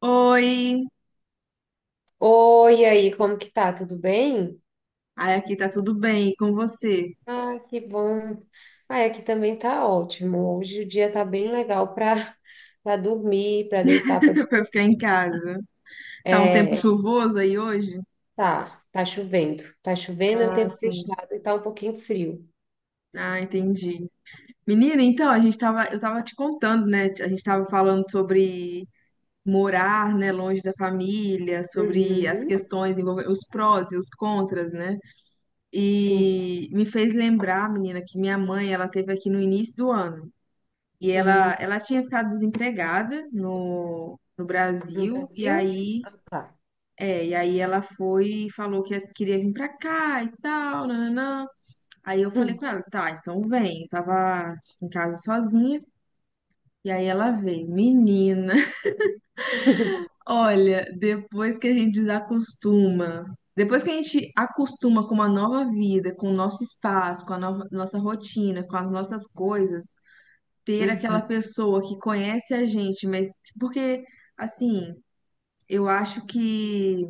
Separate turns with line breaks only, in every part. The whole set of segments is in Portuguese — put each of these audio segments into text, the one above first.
Oi!
Oi, e aí, como que tá? Tudo bem?
Ai, aqui tá tudo bem, e com você?
Ah, que bom. Ah, aqui também tá ótimo. Hoje o dia tá bem legal para dormir, para deitar, para
Pra ficar
descansar.
em casa. Tá um tempo
É,
chuvoso aí hoje?
tá, tá chovendo. Tá chovendo em
Ah,
tempo
sim.
fechado e tá um pouquinho frio.
Ah, entendi. Menina, então, eu tava te contando, né? A gente tava falando sobre morar, né, longe da família, sobre as
Uhum,
questões envolvendo os prós e os contras, né?
sim.
E me fez lembrar, menina, que minha mãe, ela teve aqui no início do ano. E
Hum,
ela tinha ficado desempregada no
no
Brasil, e
Brasil?
aí
Ah, tá.
é, e aí ela foi e falou que queria vir pra cá e tal, nananã. Aí eu falei com ela, tá, então vem. Eu tava em casa sozinha, e aí ela veio. Menina,
Hum.
olha, depois que a gente acostuma com uma nova vida, com o nosso espaço, com a nossa rotina, com as nossas coisas, ter aquela
Uhum,
pessoa que conhece a gente, mas porque, assim, eu acho que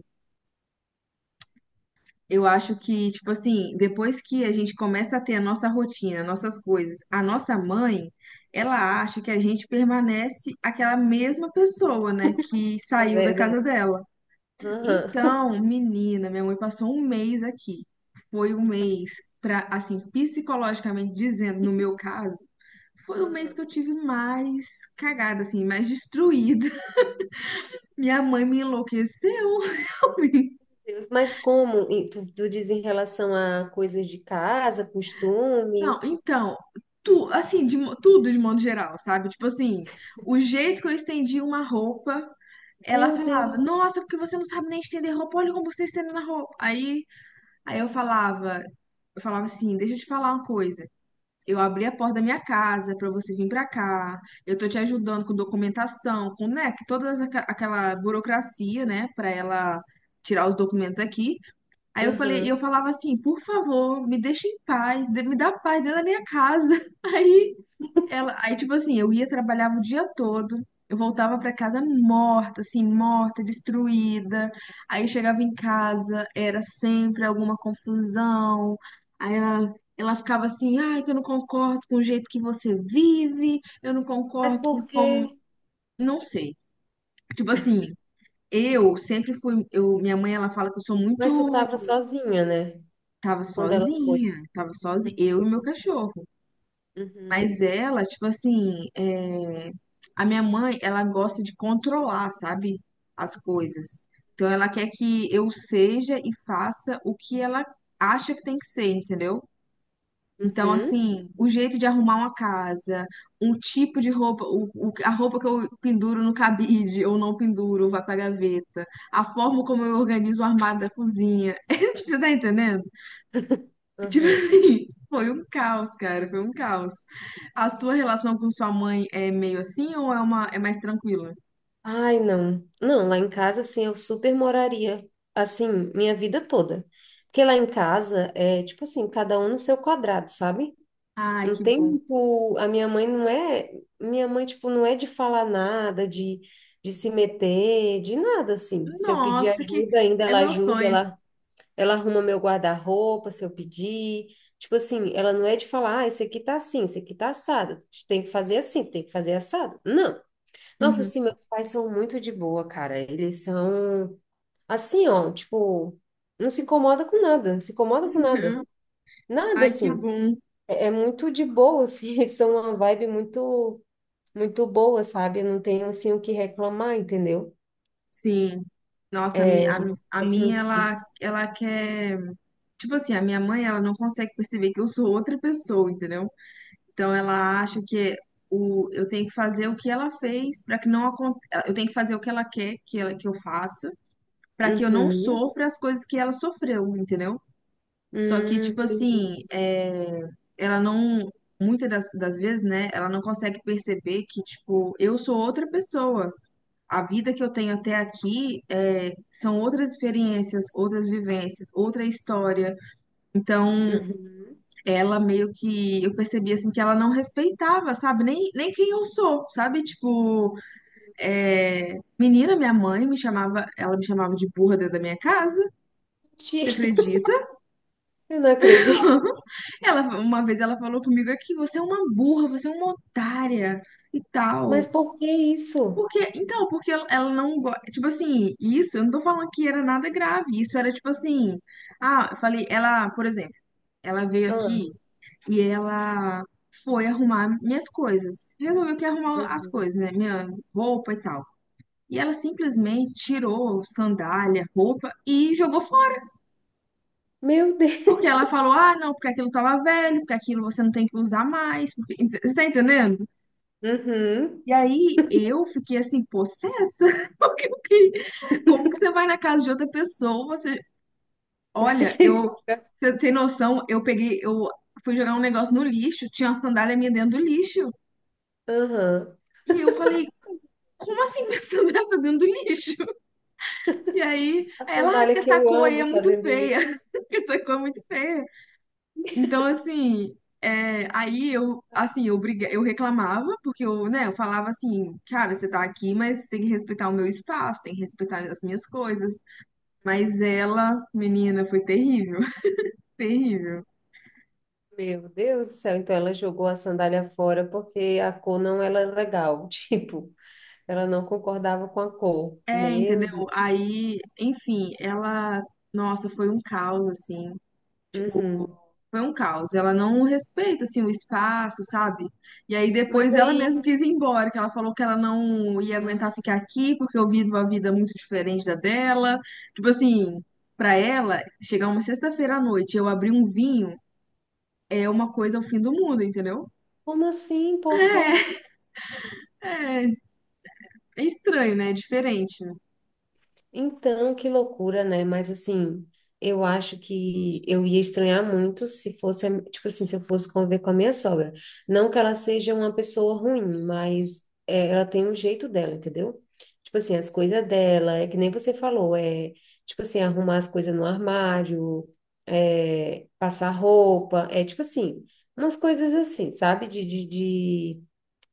Eu acho que, tipo assim, depois que a gente começa a ter a nossa rotina, nossas coisas, a nossa mãe, ela acha que a gente permanece aquela mesma pessoa, né, que
é
saiu da casa
verdade.
dela.
Aham.
Então, menina, minha mãe passou um mês aqui. Foi um mês pra, assim, psicologicamente dizendo, no meu caso, foi o mês
Aham.
que eu tive mais cagada, assim, mais destruída. Minha mãe me enlouqueceu, realmente.
Deus, mas como? E tu diz em relação a coisas de casa,
Não,
costumes?
então, tu, assim, tudo de modo geral, sabe? Tipo assim, o jeito que eu estendi uma roupa, ela
Meu
falava,
Deus.
nossa, porque você não sabe nem estender roupa, olha como você estende na roupa. Aí, aí eu falava assim, deixa eu te falar uma coisa. Eu abri a porta da minha casa pra você vir pra cá. Eu tô te ajudando com documentação, com, né, que toda aquela burocracia, né, pra ela tirar os documentos aqui. Aí eu falei, e
Aham.
eu falava assim, por favor, me deixa em paz, me dá paz dentro da minha casa. Aí tipo assim, eu ia trabalhava o dia todo, eu voltava pra casa morta, assim, morta, destruída. Aí chegava em casa, era sempre alguma confusão. Aí ela Ela ficava assim, ai, que eu não concordo com o jeito que você vive, eu não
Mas
concordo
por
com
quê?
como, não sei. Tipo assim, eu sempre fui, eu, minha mãe, ela fala que eu sou
Mas tu
muito...
tava sozinha, né? Quando ela foi.
Tava sozinha, eu e meu
Uhum,
cachorro.
uhum,
Mas ela, tipo assim, é, a minha mãe, ela gosta de controlar, sabe, as coisas. Então ela quer que eu seja e faça o que ela acha que tem que ser, entendeu? Então,
uhum,
assim, o jeito de arrumar uma casa, um tipo de roupa, a roupa que eu penduro no cabide ou não penduro, vai pra gaveta, a forma como eu organizo o armário da cozinha. Você tá entendendo? Tipo
uhum.
assim, foi um caos, cara, foi um caos. A sua relação com sua mãe é meio assim ou é uma é mais tranquila?
Ai, não. Não, lá em casa, assim, eu super moraria, assim, minha vida toda. Porque lá em casa é, tipo assim, cada um no seu quadrado, sabe?
Ai,
Não
que
tem
bom.
muito. A minha mãe não é. Minha mãe, tipo, não é de falar nada, de se meter, de nada, assim. Se eu pedir
Nossa, que
ajuda, ainda
é
ela
meu
ajuda,
sonho.
ela arruma meu guarda-roupa se eu pedir. Tipo assim, ela não é de falar, ah, esse aqui tá assim, esse aqui tá assado. Tem que fazer assim, tem que fazer assado. Não. Nossa,
Uhum.
assim, meus pais são muito de boa, cara. Eles são assim, ó, tipo, não se incomoda com nada, não se incomoda com nada. Nada,
Ai, que
assim.
bom.
É, é muito de boa, assim. Eles são uma vibe muito, muito boa, sabe? Eu não tenho, assim, o que reclamar, entendeu?
Sim. Nossa,
É,
a
tem
minha,
muito isso.
ela quer. Tipo assim, a minha mãe, ela não consegue perceber que eu sou outra pessoa, entendeu? Então, ela acha que eu tenho que fazer o que ela fez para que não aconteça. Eu tenho que fazer o que ela quer que eu faça para que eu não
Uhum.
sofra as coisas que ela sofreu, entendeu? Só que, tipo
Entendi.
assim, é, ela não... Muitas das vezes, né, ela não consegue perceber que, tipo, eu sou outra pessoa. A vida que eu tenho até aqui é, são outras experiências, outras vivências, outra história. Então,
Uhum.
ela meio que... Eu percebi, assim, que ela não respeitava, sabe? Nem quem eu sou, sabe? Tipo, é, menina, minha mãe me chamava. Ela me chamava de burra dentro da minha casa. Você
Gente,
acredita?
eu não acredito.
Ela, uma vez ela falou comigo aqui, você é uma burra, você é uma otária e tal.
Mas por que isso?
Porque, então, porque ela não gosta. Tipo assim, isso, eu não tô falando que era nada grave. Isso era tipo assim. Ah, eu falei, ela, por exemplo, ela veio
Ah,
aqui e ela foi arrumar minhas coisas. Resolveu que ia arrumar as
uhum.
coisas, né? Minha roupa e tal. E ela simplesmente tirou sandália, roupa e jogou...
Meu Deus.
Porque ela falou, ah, não, porque aquilo tava velho, porque aquilo você não tem que usar mais, porque... Você tá entendendo?
Uhum.
E aí eu fiquei assim, possessa, porque como que você vai na casa de outra pessoa, você... Olha,
Você joga.
você tem noção, eu fui jogar um negócio no lixo, tinha uma sandália minha dentro do lixo,
Uhum.
e eu falei, como assim minha sandália tá dentro do lixo?
A
Aí ela, ah, porque
sandália que
essa
eu
cor aí é
amo tá
muito
dentro do
feia,
lixo.
essa cor é muito feia. Então, assim, é, aí eu, assim, eu reclamava, porque eu, né, eu falava assim, cara, você tá aqui, mas tem que respeitar o meu espaço, tem que respeitar as minhas coisas. Mas ela, menina, foi terrível, terrível.
Meu Deus do céu. Então ela jogou a sandália fora porque a cor não era legal. Tipo, ela não concordava com a cor.
É,
Meu Deus.
entendeu? Aí, enfim, ela, nossa, foi um caos, assim. Tipo,
Uhum.
foi um caos. Ela não respeita, assim, o espaço, sabe? E aí
Mas
depois ela
aí,
mesma quis ir embora, que ela falou que ela não ia aguentar
ah,
ficar aqui porque eu vivo uma vida muito diferente da dela. Tipo assim, pra ela, chegar uma sexta-feira à noite e eu abrir um vinho é uma coisa ao fim do mundo, entendeu?
como assim? Por quê?
É, é estranho, né? É diferente, né?
Então, que loucura, né? Mas assim, eu acho que eu ia estranhar muito se fosse, a- tipo assim, se eu fosse conviver com a minha sogra. Não que ela seja uma pessoa ruim, mas é, ela tem um jeito dela, entendeu? Tipo assim, as coisas dela, é que nem você falou, é tipo assim, arrumar as coisas no armário, é, passar roupa, é tipo assim, umas coisas assim, sabe? De,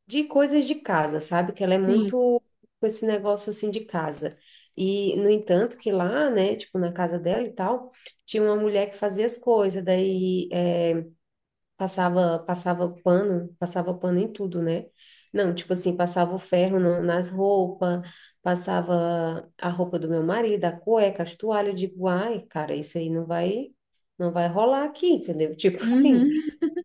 de coisas de casa, sabe? Que ela é
Sim.
muito com esse negócio assim de casa. E, no entanto, que lá, né, tipo, na casa dela e tal, tinha uma mulher que fazia as coisas, daí passava, pano, passava pano em tudo, né? Não, tipo assim, passava o ferro no- nas roupas, passava a roupa do meu marido, a cueca, as toalhas, eu digo, ai, cara, isso aí não vai, não vai rolar aqui, entendeu? Tipo assim.
Uhum.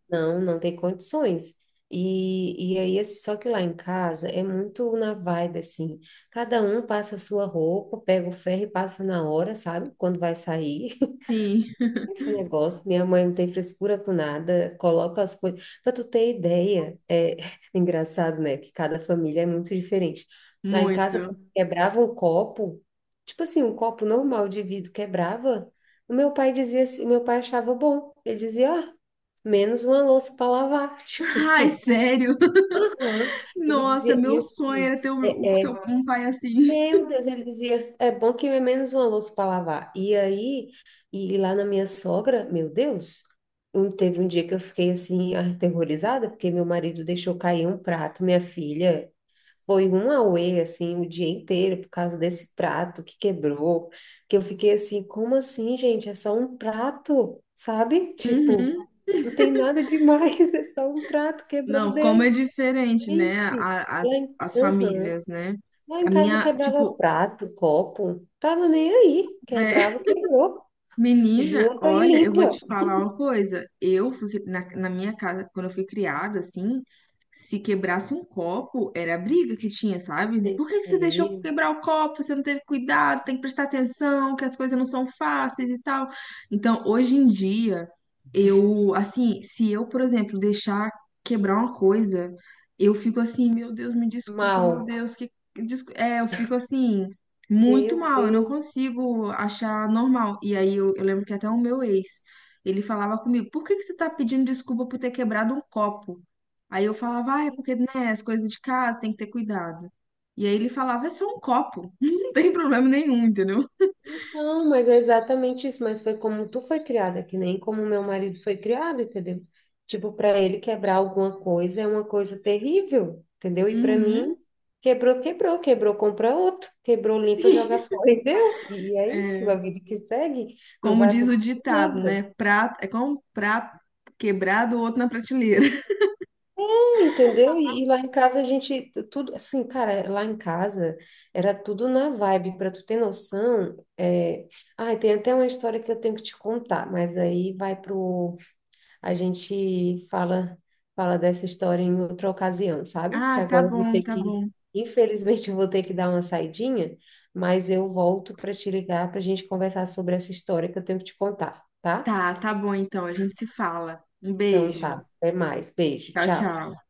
Não, não tem condições. E aí, assim, só que lá em casa é muito na vibe, assim. Cada um passa a sua roupa, pega o ferro e passa na hora, sabe? Quando vai sair.
Sim,
Esse negócio, minha mãe não tem frescura com nada, coloca as coisas. Para tu ter ideia, é engraçado, né? Que cada família é muito diferente. Lá em casa,
muito.
quando quebrava um copo, tipo assim, um copo normal de vidro quebrava, o meu pai dizia assim, meu pai achava bom. Ele dizia, ah, menos uma louça para lavar. Tipo
Ai,
assim,
sério?
aham. Ele
Nossa,
dizia, e
meu sonho
assim,
era ter
é
um pai assim.
meu Deus, ele dizia, é bom que é menos uma louça para lavar. E aí, e lá na minha sogra, meu Deus, um- teve um dia que eu fiquei assim, aterrorizada, porque meu marido deixou cair um prato, minha filha. Foi um auê, assim, o dia inteiro por causa desse prato que quebrou, que eu fiquei assim, como assim, gente? É só um prato, sabe?
Uhum.
Tipo, não tem nada demais, é só um prato, quebrou,
Não, como é
deu.
diferente, né?
Gente, lá em-
As
Aham.
famílias, né?
Lá em
A
casa
minha,
quebrava
tipo,
prato, copo, tava nem aí.
é...
Quebrava, quebrou.
Menina,
Junta e
olha, eu vou
limpa.
te falar uma coisa. Eu na minha casa, quando eu fui criada, assim, se quebrasse um copo, era a briga que tinha, sabe?
É,
Por que que você deixou quebrar o copo? Você não teve cuidado, tem que prestar atenção, que as coisas não são fáceis e tal. Então, hoje em dia, eu, assim, se eu, por exemplo, deixar quebrar uma coisa, eu fico assim, meu Deus, me desculpa, meu
mal.
Deus, que... É, eu fico assim. Muito
Meu
mal, eu não
Deus.
consigo achar normal. E aí eu lembro que até o meu ex, ele falava comigo, por que que você tá pedindo desculpa por ter quebrado um copo? Aí eu falava, ah, é porque, né, as coisas de casa tem que ter cuidado. E aí ele falava, é só um copo, não tem problema nenhum, entendeu?
Não, mas é exatamente isso. Mas foi como tu foi criada, que nem como meu marido foi criado, entendeu? Tipo, para ele quebrar alguma coisa é uma coisa terrível, entendeu? E para
Uhum.
mim, quebrou, quebrou, quebrou, compra outro, quebrou, limpa, joga fora e deu. E é isso,
É,
a vida que segue, não
como
vai
diz o
acontecer
ditado, né,
nada.
é como um prato quebrado, o outro na prateleira.
Entendeu? E lá em casa a gente, tudo, assim, cara, lá em casa era tudo na vibe, para tu ter noção, é... Ai, tem até uma história que eu tenho que te contar, mas aí vai pro, a gente fala, fala dessa história em outra ocasião, sabe? Que
Ah, tá
agora eu vou
bom,
ter
tá
que,
bom.
infelizmente eu vou ter que dar uma saidinha, mas eu volto para te ligar para a gente conversar sobre essa história que eu tenho que te contar, tá?
Tá, tá bom então, a gente se fala. Um
Então
beijo.
tá, até mais, beijo,
Tchau,
tchau.
tchau.